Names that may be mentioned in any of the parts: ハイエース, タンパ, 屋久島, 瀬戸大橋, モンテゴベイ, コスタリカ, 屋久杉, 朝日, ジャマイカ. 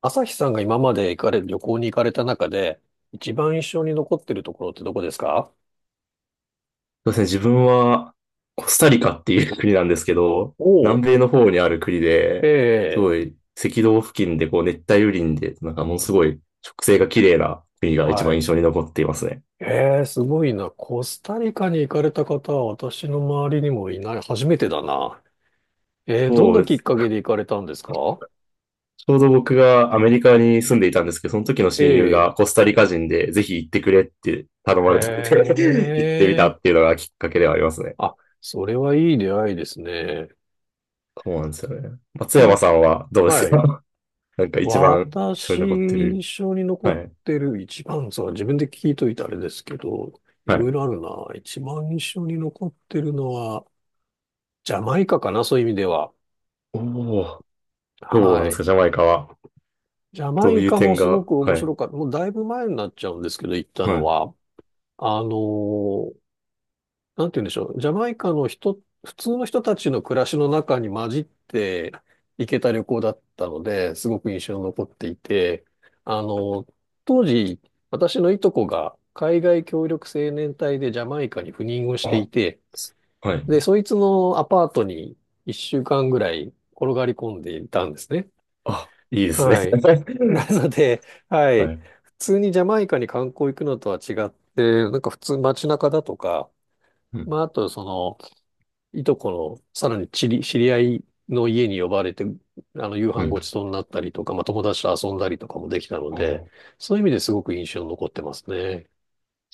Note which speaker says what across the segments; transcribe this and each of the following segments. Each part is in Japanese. Speaker 1: 朝日さんが今まで行かれ、旅行に行かれた中で、一番印象に残ってるところってどこですか？
Speaker 2: そうですね、自分はコスタリカっていう国なんですけど、
Speaker 1: おお、
Speaker 2: 南米の方にある国
Speaker 1: え
Speaker 2: で、す
Speaker 1: え、
Speaker 2: ごい赤道付近でこう熱帯雨林で、なんかものすごい植生が綺麗な国が一
Speaker 1: は
Speaker 2: 番印
Speaker 1: い。
Speaker 2: 象に残っていますね。
Speaker 1: ええ、すごいな。コスタリカに行かれた方は私の周りにもいない。初めてだな。ええ、どん
Speaker 2: そ
Speaker 1: な
Speaker 2: うで
Speaker 1: きっ
Speaker 2: す。
Speaker 1: かけで行かれたんですか？
Speaker 2: ちょうど僕がアメリカに住んでいたんですけど、その時の
Speaker 1: え
Speaker 2: 親友
Speaker 1: え、
Speaker 2: がコスタリカ人でぜひ行ってくれって頼
Speaker 1: へ
Speaker 2: まれたので 行ってみたっ
Speaker 1: え。
Speaker 2: ていうのがきっかけではありますね。
Speaker 1: あ、それはいい出会いですね。
Speaker 2: そうなんですよね。松
Speaker 1: そ
Speaker 2: 山
Speaker 1: の、
Speaker 2: さんはどうです
Speaker 1: はい。
Speaker 2: か？ なんか一番印象
Speaker 1: 私、
Speaker 2: に残って
Speaker 1: 印
Speaker 2: る。
Speaker 1: 象に残
Speaker 2: は
Speaker 1: っ
Speaker 2: い。
Speaker 1: てる一番、そう自分で聞いといてあれですけど、い
Speaker 2: は
Speaker 1: ろ
Speaker 2: い。
Speaker 1: いろあるな。一番印象に残ってるのは、ジャマイカかな、そういう意味では。
Speaker 2: おお。どうなん
Speaker 1: は
Speaker 2: です
Speaker 1: い。
Speaker 2: か、ジャマイカは。
Speaker 1: ジャマ
Speaker 2: どう
Speaker 1: イ
Speaker 2: いう
Speaker 1: カも
Speaker 2: 点
Speaker 1: すご
Speaker 2: が、
Speaker 1: く面
Speaker 2: はい。
Speaker 1: 白かった。もうだいぶ前になっちゃうんですけど、行った
Speaker 2: は
Speaker 1: の
Speaker 2: い。
Speaker 1: は。あのーなんて言うんでしょう。ジャマイカの人、普通の人たちの暮らしの中に混じって行けた旅行だったので、すごく印象に残っていて、あの、当時、私のいとこが海外協力青年隊でジャマイカに赴任をして
Speaker 2: あ、
Speaker 1: いて、
Speaker 2: はい。
Speaker 1: で、そいつのアパートに1週間ぐらい転がり込んでいたんですね。
Speaker 2: あ、いいですね。
Speaker 1: はい。なので、はい。
Speaker 2: はい。
Speaker 1: 普通にジャマイカに観光行くのとは違って、なんか普通街中だとか、
Speaker 2: うん。
Speaker 1: まあ、あとその、いとこの、さらに知り合いの家に呼ばれて、夕
Speaker 2: う
Speaker 1: 飯
Speaker 2: ん。
Speaker 1: ご
Speaker 2: じ
Speaker 1: ちそうになったりとか、まあ、友達と遊んだりとかもできたので、そういう意味ですごく印象に残ってますね。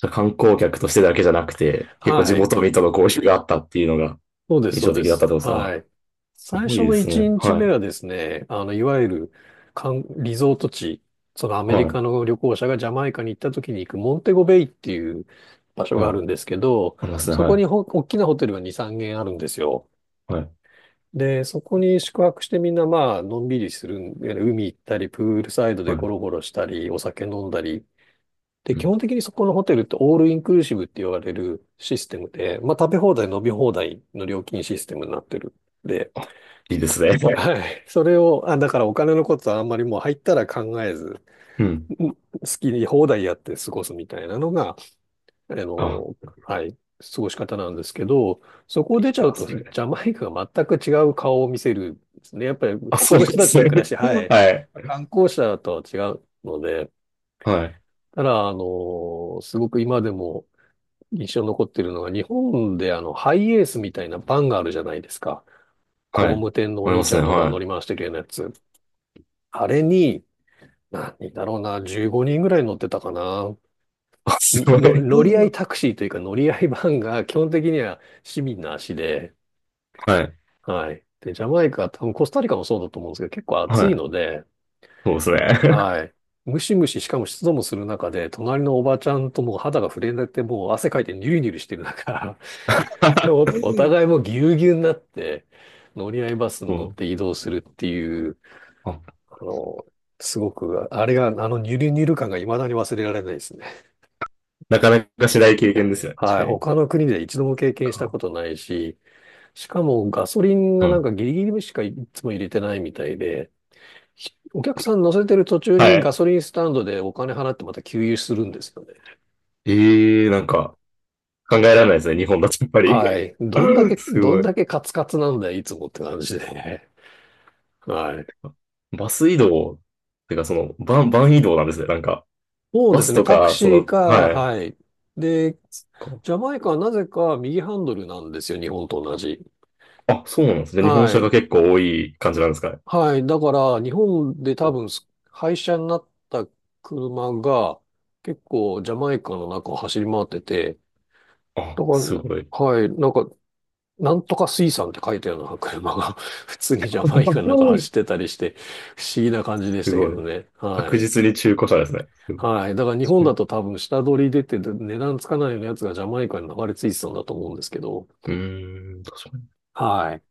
Speaker 2: ゃあ観光客としてだけじゃなくて、結構
Speaker 1: は
Speaker 2: 地
Speaker 1: い。
Speaker 2: 元民との交流があったっていうのが
Speaker 1: そうです、
Speaker 2: 印
Speaker 1: そう
Speaker 2: 象
Speaker 1: で
Speaker 2: 的だった
Speaker 1: す。
Speaker 2: ってことですね。
Speaker 1: は
Speaker 2: あ、
Speaker 1: い。
Speaker 2: す
Speaker 1: 最
Speaker 2: ごい
Speaker 1: 初
Speaker 2: で
Speaker 1: の
Speaker 2: す
Speaker 1: 1
Speaker 2: ね。
Speaker 1: 日
Speaker 2: は
Speaker 1: 目
Speaker 2: い。
Speaker 1: はですね、いわゆる、リゾート地、そのアメリ
Speaker 2: はい。
Speaker 1: カの旅行者がジャマイカに行った時に行くモンテゴベイっていう場所が
Speaker 2: は
Speaker 1: あ
Speaker 2: い。
Speaker 1: るんですけど、
Speaker 2: ありますね。
Speaker 1: そ
Speaker 2: は
Speaker 1: こ
Speaker 2: い。
Speaker 1: に大きなホテルが2、3軒あるんですよ。
Speaker 2: はい。
Speaker 1: で、そこに宿泊してみんなまあ、のんびりするんで、海行ったり、プールサイド
Speaker 2: は
Speaker 1: でゴ
Speaker 2: い。
Speaker 1: ロゴロしたり、お酒飲んだり。で、
Speaker 2: う
Speaker 1: 基
Speaker 2: ん。
Speaker 1: 本的にそこのホテルってオールインクルーシブって言われるシステムで、まあ食べ放題、飲み放題の料金システムになってる。で、
Speaker 2: いいですね。はい。
Speaker 1: はい。それを、あ、だからお金のことはあんまりもう入ったら考えず、
Speaker 2: うん。
Speaker 1: 好きに放題やって過ごすみたいなのがあ
Speaker 2: あ、
Speaker 1: の、はい、過ごし方なんですけど、そこを
Speaker 2: い
Speaker 1: 出ち
Speaker 2: い
Speaker 1: ゃ
Speaker 2: な、
Speaker 1: うと、
Speaker 2: そ
Speaker 1: ジ
Speaker 2: れ。
Speaker 1: ャマイカが全く違う顔を見せるんですね。やっぱり
Speaker 2: あ、
Speaker 1: 普
Speaker 2: そ
Speaker 1: 通
Speaker 2: う
Speaker 1: の
Speaker 2: なん
Speaker 1: 人
Speaker 2: で
Speaker 1: たち
Speaker 2: す
Speaker 1: の
Speaker 2: ね。
Speaker 1: 暮らし、は い、
Speaker 2: はい。
Speaker 1: 観光者とは違うので、
Speaker 2: はい。
Speaker 1: ただ、すごく今でも印象に残っているのが、日本でハイエースみたいなバンがあるじゃないですか。
Speaker 2: は
Speaker 1: 工
Speaker 2: い。
Speaker 1: 務店のお
Speaker 2: ありま
Speaker 1: 兄ち
Speaker 2: す
Speaker 1: ゃん
Speaker 2: ね。
Speaker 1: とかが乗
Speaker 2: は
Speaker 1: り
Speaker 2: い。
Speaker 1: 回してるようなやつ。あれに、何人だろうな、15人ぐらい乗ってたかな。
Speaker 2: あ、すご
Speaker 1: の、乗り合
Speaker 2: い。
Speaker 1: いタクシーというか乗り合いバンが基本的には市民の足で、
Speaker 2: はい。
Speaker 1: はい。で、ジャマイカ、多分コスタリカもそうだと思うんですけど、結構暑
Speaker 2: は
Speaker 1: い
Speaker 2: い。
Speaker 1: ので、
Speaker 2: そうですね。
Speaker 1: はい。ムシムシ、しかも湿度もする中で、隣のおばちゃんともう肌が触れなくて、もう汗かいてニュルニュルしてる中、お互いもうぎゅうぎゅうになって、乗り合いバスに
Speaker 2: そ
Speaker 1: 乗って移
Speaker 2: う。
Speaker 1: 動するっていう、
Speaker 2: あ、
Speaker 1: あの、すごく、あれが、あのニュルニュル感が未だに忘れられないですね。
Speaker 2: なかなかしない経験ですね。確
Speaker 1: は
Speaker 2: か
Speaker 1: い。
Speaker 2: に。
Speaker 1: 他の国で一度も経験したこ
Speaker 2: か。
Speaker 1: とないし、しかもガソリンが
Speaker 2: う
Speaker 1: な
Speaker 2: ん。
Speaker 1: んかギリギリしかいつも入れてないみたいで、お客さん乗せてる途中
Speaker 2: は
Speaker 1: にガ
Speaker 2: い。
Speaker 1: ソリンスタンドでお金払ってまた給油するんですよね。
Speaker 2: ええー、なんか、考えられないですね。日本だとやっぱり。
Speaker 1: はい。どんだけ、
Speaker 2: す
Speaker 1: どん
Speaker 2: ごい。
Speaker 1: だけカツカツなんだよ、いつもって感じでね。はい。
Speaker 2: バス移動、てかその、バン移動なんですね。なんか、
Speaker 1: そう
Speaker 2: バ
Speaker 1: で
Speaker 2: ス
Speaker 1: すね、
Speaker 2: と
Speaker 1: タク
Speaker 2: か、そ
Speaker 1: シー
Speaker 2: の、
Speaker 1: か、
Speaker 2: はい。
Speaker 1: はい。で、
Speaker 2: そっか。
Speaker 1: ジャマイカはなぜか右ハンドルなんですよ、日本と同じ。
Speaker 2: あ、そうなんですね。日本
Speaker 1: は
Speaker 2: 車が
Speaker 1: い。
Speaker 2: 結構多い感じなんですかね。
Speaker 1: はい。だから、日本で多分、廃車になった車が、結構ジャマイカの中を走り回ってて、
Speaker 2: あ、
Speaker 1: だか
Speaker 2: すごい。
Speaker 1: ら、はい、なんか、なんとか水産って書いたような車が 普通にジャマイカの中 走ってたりして、不思議な感じでし
Speaker 2: す
Speaker 1: たけ
Speaker 2: ごい。
Speaker 1: どね。は
Speaker 2: 確
Speaker 1: い。
Speaker 2: 実に中古車ですね。すごい
Speaker 1: はい。だから日
Speaker 2: 確
Speaker 1: 本
Speaker 2: かに。
Speaker 1: だと多分下取り出て値段つかないようなやつがジャマイカに流れ着いてたんだと思うんですけど。
Speaker 2: うーん、確かに。
Speaker 1: はい。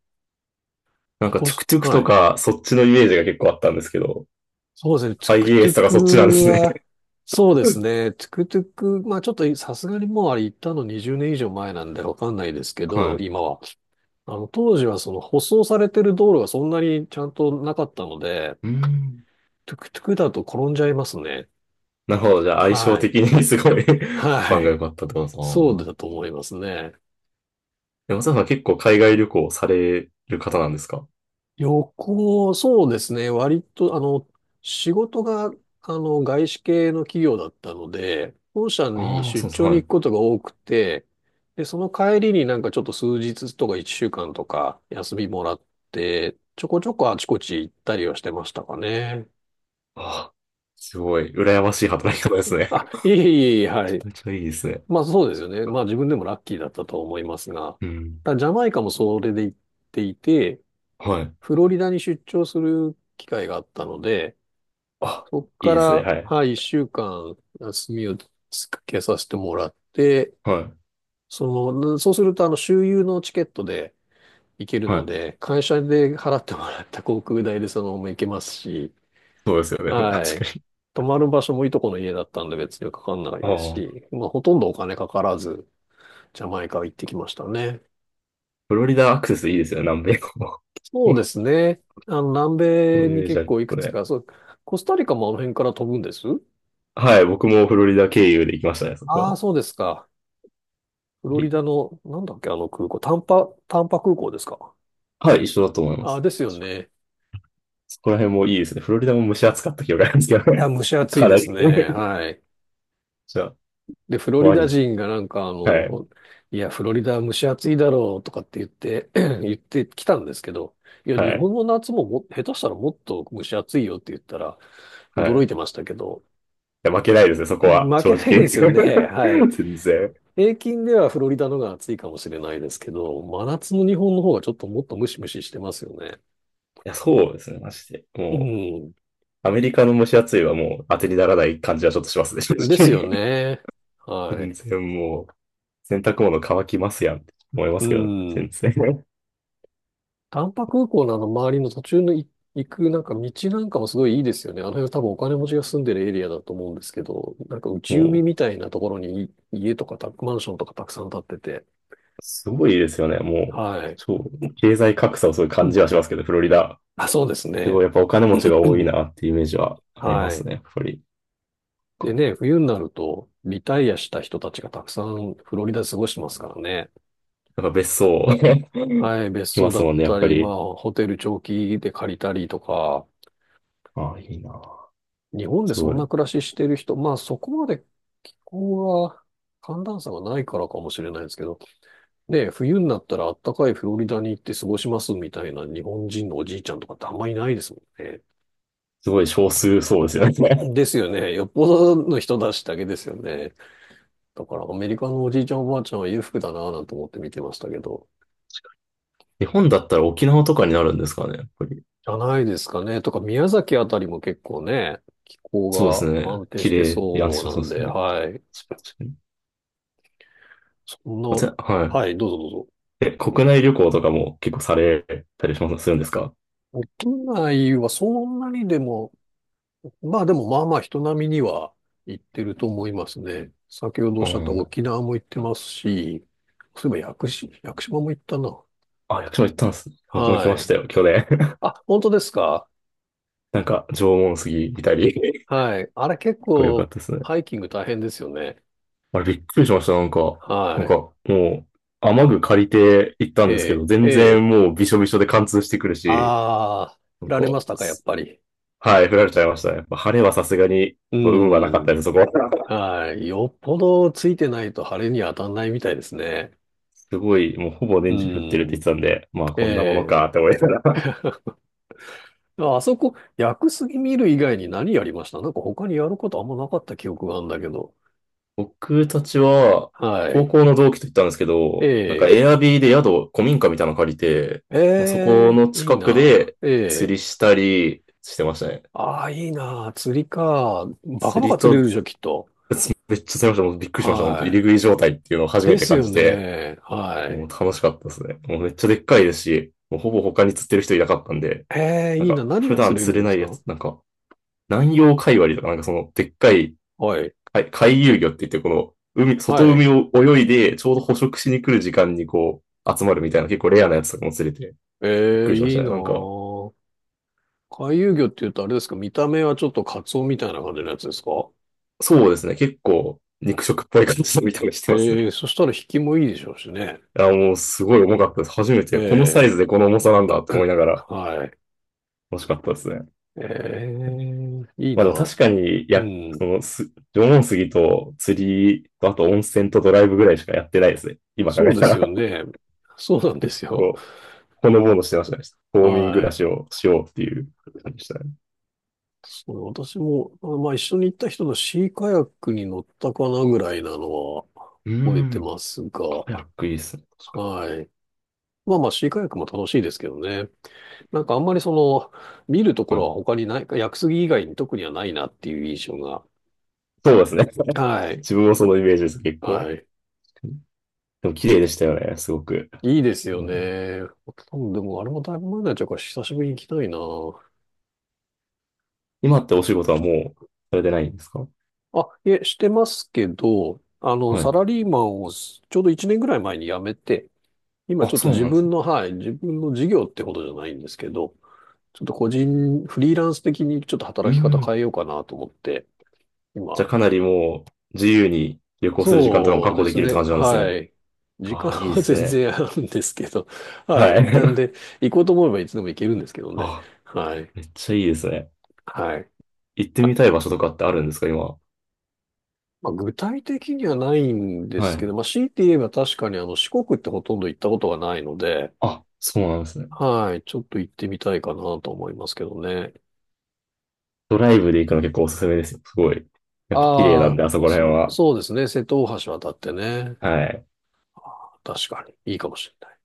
Speaker 2: なんか、
Speaker 1: こう
Speaker 2: トゥク
Speaker 1: す、
Speaker 2: トゥク
Speaker 1: は
Speaker 2: と
Speaker 1: い。
Speaker 2: か、そっちのイメージが結構あったんですけど、
Speaker 1: そうですね。トゥクト
Speaker 2: IES
Speaker 1: ゥ
Speaker 2: とか
Speaker 1: ク
Speaker 2: そっちなんですね。
Speaker 1: は、そうです ね。トゥクトゥク、まあちょっとさすがにもうあれ行ったの20年以上前なんでわかんないですけど、
Speaker 2: は
Speaker 1: 今は。当時はその舗装されてる道路がそんなにちゃんとなかったので、
Speaker 2: い。うん。
Speaker 1: トゥクトゥクだと転んじゃいますね。
Speaker 2: なるほど。じゃあ相性
Speaker 1: はい。
Speaker 2: 的にすごい 番
Speaker 1: は
Speaker 2: が良
Speaker 1: い。
Speaker 2: かったってことですね。
Speaker 1: そうだと思いますね。
Speaker 2: でも松田さん結構海外旅行される方なんですか？
Speaker 1: 旅行、そうですね。割と、仕事が、外資系の企業だったので、本社に
Speaker 2: ああ、
Speaker 1: 出
Speaker 2: そうです。
Speaker 1: 張
Speaker 2: は
Speaker 1: に
Speaker 2: い。
Speaker 1: 行
Speaker 2: あ
Speaker 1: くことが多くて、で、その帰りになんかちょっと数日とか1週間とか休みもらって、ちょこちょこあちこち行ったりはしてましたかね。
Speaker 2: あ、すごい。羨ましい働き方ですね。
Speaker 1: あ、いえいえいえ、は い。
Speaker 2: めちゃめちゃいいですね。
Speaker 1: まあそうですよね。まあ自分でもラッキーだったと思いますが、
Speaker 2: うん。
Speaker 1: ただジャマイカもそれで行っていて、
Speaker 2: はい。
Speaker 1: フロリダに出張する機会があったので、
Speaker 2: あ、
Speaker 1: そこ
Speaker 2: いい
Speaker 1: か
Speaker 2: ですね。
Speaker 1: ら、
Speaker 2: はい。
Speaker 1: はい、一週間休みをつけさせてもらって、
Speaker 2: はい。
Speaker 1: そそうするとあの周遊のチケットで行ける
Speaker 2: は
Speaker 1: の
Speaker 2: い。
Speaker 1: で、会社で払ってもらった航空代でそのまま行けますし、
Speaker 2: そうですよね。
Speaker 1: は
Speaker 2: 確か
Speaker 1: い。
Speaker 2: に。
Speaker 1: 泊まる場所もいとこの家だったんで別にかかんない
Speaker 2: あ
Speaker 1: です
Speaker 2: あ、
Speaker 1: し、まあほとんどお金かからず、ジャマイカ行ってきましたね。
Speaker 2: フロリダアクセスいいですよね。南米も。
Speaker 1: そうで
Speaker 2: こ
Speaker 1: すね。南
Speaker 2: の
Speaker 1: 米
Speaker 2: イ
Speaker 1: に
Speaker 2: メージ
Speaker 1: 結
Speaker 2: ある
Speaker 1: 構いく
Speaker 2: ます
Speaker 1: つ
Speaker 2: ね。
Speaker 1: か、そう、コスタリカもあの辺から飛ぶんです。
Speaker 2: はい。僕もフロリダ経由で行きましたね、そこ
Speaker 1: ああ
Speaker 2: は。
Speaker 1: そうですか？フロリダの、なんだっけ、あの空港、タンパ空港ですか？
Speaker 2: はい。一緒だと思いま
Speaker 1: ああ
Speaker 2: す。
Speaker 1: ですよね。
Speaker 2: そこら辺もいいですね。フロリダも蒸し暑かった記憶があるんですけど
Speaker 1: いや、
Speaker 2: ね。
Speaker 1: 蒸し 暑い
Speaker 2: か
Speaker 1: で
Speaker 2: なり。
Speaker 1: すね。はい。
Speaker 2: じゃあ、
Speaker 1: で、フロリ
Speaker 2: ワ
Speaker 1: ダ
Speaker 2: ニ。
Speaker 1: 人がなんか
Speaker 2: はい、
Speaker 1: いや、フロリダは蒸し暑いだろうとかって言って、言ってきたんですけど、いや、
Speaker 2: は
Speaker 1: 日本
Speaker 2: い、
Speaker 1: の夏も、下手したらもっと蒸し暑いよって言ったら、
Speaker 2: はい。
Speaker 1: 驚いて
Speaker 2: い
Speaker 1: ましたけど、
Speaker 2: や、負けないですね、そ こは、
Speaker 1: 負
Speaker 2: 正
Speaker 1: けないで
Speaker 2: 直。
Speaker 1: すよね。はい。
Speaker 2: 全然。
Speaker 1: 平均ではフロリダのが暑いかもしれないですけど、真夏の日本の方がちょっともっとムシムシしてますよね。
Speaker 2: いや、そうですね、マジで。も
Speaker 1: う
Speaker 2: う、アメリカの蒸し暑いはもう当てにならない感じはちょっとしますね、正
Speaker 1: ん。です
Speaker 2: 直。
Speaker 1: よね。は
Speaker 2: 全
Speaker 1: い。
Speaker 2: 然もう、洗濯物乾きますやんって思いま
Speaker 1: う
Speaker 2: すけど、
Speaker 1: ん。
Speaker 2: 全然。
Speaker 1: 丹波空港のあの周りの途中の行くなんか道なんかもすごいいいですよね。あの辺は多分お金持ちが住んでるエリアだと思うんですけど、なんか
Speaker 2: も
Speaker 1: 内海
Speaker 2: う、
Speaker 1: みたいなところに家とかマンションとかたくさん建ってて。
Speaker 2: すごいですよね、もう。
Speaker 1: はい。
Speaker 2: 超、経済格差をそういう
Speaker 1: う
Speaker 2: 感じ
Speaker 1: ん。
Speaker 2: はしますけど、フロリダ。
Speaker 1: あ、そうです
Speaker 2: す
Speaker 1: ね。
Speaker 2: ごいやっぱお金持ちが多い なっていうイメージはありま
Speaker 1: は
Speaker 2: す
Speaker 1: い。
Speaker 2: ね、やっぱり。か
Speaker 1: で
Speaker 2: な。
Speaker 1: ね、冬になると、リタイアした人たちがたくさんフロリダで過ごしてますからね。
Speaker 2: なんか別荘、
Speaker 1: はい、別
Speaker 2: 来
Speaker 1: 荘
Speaker 2: ま
Speaker 1: だ
Speaker 2: す
Speaker 1: っ
Speaker 2: もんね、やっ
Speaker 1: た
Speaker 2: ぱ
Speaker 1: り、ま
Speaker 2: り。
Speaker 1: あ、ホテル長期で借りたりとか、
Speaker 2: ああ、いいな。
Speaker 1: 日本で
Speaker 2: す
Speaker 1: そ
Speaker 2: ごい。
Speaker 1: んな暮らししてる人、まあ、そこまで気候は、寒暖差がないからかもしれないですけど、ね、冬になったらあったかいフロリダに行って過ごしますみたいな日本人のおじいちゃんとかってあんまりいないですもんね。
Speaker 2: すごい少数そうですよね。
Speaker 1: ですよね。よっぽどの人たちだけですよね。だからアメリカのおじいちゃんおばあちゃんは裕福だなぁなんて思って見てましたけど。
Speaker 2: 日本だったら沖縄とかになるんですかね、やっぱり。
Speaker 1: じゃないですかね。とか、宮崎あたりも結構ね、気候
Speaker 2: そうですね。
Speaker 1: が安定
Speaker 2: 綺
Speaker 1: して
Speaker 2: 麗。いや、安
Speaker 1: そう
Speaker 2: 心そう
Speaker 1: なん
Speaker 2: です
Speaker 1: で、
Speaker 2: ね。
Speaker 1: はい。
Speaker 2: 確かに。
Speaker 1: そんな、
Speaker 2: はい。
Speaker 1: はい、どうぞど
Speaker 2: え、国内旅行とかも結構されたりします、するんですか？
Speaker 1: うぞ。国内はそんなにでも、まあでもまあまあ人並みには行ってると思いますね。先ほどおっ
Speaker 2: う
Speaker 1: しゃった
Speaker 2: ん。
Speaker 1: 沖縄も行ってますし、そういえば屋久島も行ったな。
Speaker 2: あ、役所も行ったんですね。僕も行き
Speaker 1: は
Speaker 2: ました
Speaker 1: い。
Speaker 2: よ、去年。
Speaker 1: あ、本当ですか。
Speaker 2: なんか、縄文杉見たり。
Speaker 1: はい。あれ結
Speaker 2: これ良か
Speaker 1: 構
Speaker 2: ったですね。
Speaker 1: ハイキング大変ですよね。
Speaker 2: あれびっくりしました。なんか、な
Speaker 1: は
Speaker 2: んか、
Speaker 1: い。
Speaker 2: もう、雨具借りて行った
Speaker 1: え
Speaker 2: んですけ
Speaker 1: え、
Speaker 2: ど、
Speaker 1: え
Speaker 2: 全
Speaker 1: え。
Speaker 2: 然もうびしょびしょで貫通してくるし、
Speaker 1: ああ、
Speaker 2: な
Speaker 1: 振
Speaker 2: ん
Speaker 1: ら
Speaker 2: か、
Speaker 1: れましたか、やっ
Speaker 2: す
Speaker 1: ぱり。
Speaker 2: はい、降られちゃいましたね。やっぱ晴れはさすがに、
Speaker 1: う
Speaker 2: こう運はなかった
Speaker 1: ん。
Speaker 2: です、そこは。
Speaker 1: はい。よっぽどついてないと晴れに当たんないみたいですね。
Speaker 2: すごい、もうほぼ年中降ってるって言っ
Speaker 1: う
Speaker 2: てたんで、まあ
Speaker 1: ん。
Speaker 2: こんなもの
Speaker 1: え
Speaker 2: かっ
Speaker 1: え、
Speaker 2: て思いながら。
Speaker 1: ああそこ、薬杉見る以外に何やりました、なんか他にやることあんまなかった記憶があるんだけど。
Speaker 2: 僕たちは、
Speaker 1: は
Speaker 2: 高
Speaker 1: い。
Speaker 2: 校の同期と言ったんですけど、なんか
Speaker 1: ええ
Speaker 2: エアビーで宿、古民家みたいなの借りて、まあそこ
Speaker 1: ええ
Speaker 2: の
Speaker 1: いい
Speaker 2: 近く
Speaker 1: な。
Speaker 2: で
Speaker 1: え
Speaker 2: 釣
Speaker 1: え
Speaker 2: りしたりしてましたね。
Speaker 1: ああ、いいな。釣りか。バカ
Speaker 2: 釣
Speaker 1: バカ
Speaker 2: り
Speaker 1: 釣れる
Speaker 2: と
Speaker 1: でしょ、きっと。
Speaker 2: めっちゃされました。もうびっくりしました。本当入
Speaker 1: は
Speaker 2: り食い状態っていうのを
Speaker 1: い。
Speaker 2: 初め
Speaker 1: で
Speaker 2: て
Speaker 1: す
Speaker 2: 感
Speaker 1: よ
Speaker 2: じて、
Speaker 1: ね。は
Speaker 2: もう
Speaker 1: い。
Speaker 2: 楽しかったですね。もうめっちゃでっかいですし、もうほぼ他に釣ってる人いなかったんで、
Speaker 1: ええ
Speaker 2: なん
Speaker 1: いいな。
Speaker 2: か
Speaker 1: 何
Speaker 2: 普
Speaker 1: が
Speaker 2: 段
Speaker 1: 釣れ
Speaker 2: 釣
Speaker 1: るん
Speaker 2: れ
Speaker 1: で
Speaker 2: な
Speaker 1: す
Speaker 2: いや
Speaker 1: か。
Speaker 2: つ、なんか南洋海割りとか、なんかそのでっかい
Speaker 1: はい。
Speaker 2: 海海遊魚って言ってこの海、外
Speaker 1: はい。
Speaker 2: 海を泳いでちょうど捕食しに来る時間にこう集まるみたいな結構レアなやつとかも釣れてびっ
Speaker 1: え
Speaker 2: く
Speaker 1: え、
Speaker 2: りしまし
Speaker 1: いい
Speaker 2: たね。
Speaker 1: な
Speaker 2: なんか、
Speaker 1: ぁ。回遊魚って言うとあれですか、見た目はちょっとカツオみたいな感じのやつですか。
Speaker 2: そうですね。結構肉食っぽい感じの見た目してます
Speaker 1: え
Speaker 2: ね。
Speaker 1: え、そしたら引きもいいでしょうしね。
Speaker 2: いや、もうすごい重かったです。初め
Speaker 1: え
Speaker 2: てこのサイ
Speaker 1: え、
Speaker 2: ズでこの重さなんだって思いながら
Speaker 1: はい。
Speaker 2: 楽しかったですね。
Speaker 1: ええ、いい
Speaker 2: まあ
Speaker 1: な
Speaker 2: でも確
Speaker 1: ぁ。
Speaker 2: かに、
Speaker 1: う
Speaker 2: や、
Speaker 1: ん。
Speaker 2: その、縄文杉と釣りと、あと温泉とドライブぐらいしかやってないですね。今考
Speaker 1: そ
Speaker 2: え
Speaker 1: うで
Speaker 2: た
Speaker 1: すよ
Speaker 2: ら。
Speaker 1: ね。そうなん で
Speaker 2: 結
Speaker 1: すよ。
Speaker 2: 構、ほのぼのしてましたね。冬眠暮
Speaker 1: は
Speaker 2: らし
Speaker 1: い。
Speaker 2: をしようっていう感じでしたね。
Speaker 1: そう私も、あ、まあ一緒に行った人のシーカヤックに乗ったかなぐらいなのは
Speaker 2: うー
Speaker 1: 覚えて
Speaker 2: ん。
Speaker 1: ますが、
Speaker 2: カヤックいいですね。確
Speaker 1: はい。まあまあシーカヤックも楽しいですけどね。あんまり見ると
Speaker 2: か
Speaker 1: こ
Speaker 2: に。
Speaker 1: ろ
Speaker 2: は
Speaker 1: は他
Speaker 2: い。
Speaker 1: にないか、屋久杉以外に特にはないなっていう印象が。
Speaker 2: そうですね。
Speaker 1: はい。
Speaker 2: 自分もそのイメージです、結構。
Speaker 1: はい。
Speaker 2: でも綺麗でしたよね、すごく。
Speaker 1: いいですよ
Speaker 2: うん、
Speaker 1: ね。多分でもあれもだいぶ前になっちゃうから久しぶりに行きたいな。
Speaker 2: 今ってお仕事はもうされてないんですか？
Speaker 1: あ、いえ、してますけど、
Speaker 2: は
Speaker 1: サ
Speaker 2: い。
Speaker 1: ラリーマンをすちょうど1年ぐらい前に辞めて、今ち
Speaker 2: あ、
Speaker 1: ょっと
Speaker 2: そう
Speaker 1: 自
Speaker 2: なんです
Speaker 1: 分
Speaker 2: ね。
Speaker 1: の、はい、自分の事業ってことじゃないんですけど、ちょっと個人、フリーランス的にちょっと
Speaker 2: うー
Speaker 1: 働き方変
Speaker 2: ん。
Speaker 1: えようかなと思って、
Speaker 2: じゃあ
Speaker 1: 今、
Speaker 2: かなりもう自由に旅行する時間とかも
Speaker 1: そう
Speaker 2: 確保
Speaker 1: で
Speaker 2: で
Speaker 1: す
Speaker 2: きるって
Speaker 1: ね。
Speaker 2: 感じなんです
Speaker 1: は
Speaker 2: ね。
Speaker 1: い。時間
Speaker 2: ああ、いいで
Speaker 1: は
Speaker 2: す
Speaker 1: 全
Speaker 2: ね。
Speaker 1: 然あるんですけど。は
Speaker 2: は
Speaker 1: い。なん
Speaker 2: い。
Speaker 1: で、行こうと思えばいつでも行けるんですけど ね。
Speaker 2: あ、
Speaker 1: はい。
Speaker 2: めっちゃいいですね。
Speaker 1: はい。
Speaker 2: 行って
Speaker 1: あ、
Speaker 2: みたい場所とかってあるんですか、今？
Speaker 1: まあ、具体的にはないんで
Speaker 2: は
Speaker 1: す
Speaker 2: い。
Speaker 1: けど、まあ、強いて言えば確かに四国ってほとんど行ったことがないので、
Speaker 2: あ、そうなんですね。
Speaker 1: はい。ちょっと行ってみたいかなと思いますけどね。
Speaker 2: ドライブで行くの結構おすすめですよ。すごい。やっぱ綺麗な
Speaker 1: あ
Speaker 2: ん
Speaker 1: あ、
Speaker 2: で、あそこら辺は。
Speaker 1: そうですね。瀬戸大橋渡ってね。
Speaker 2: はい。
Speaker 1: あー確かにいいかもしれない。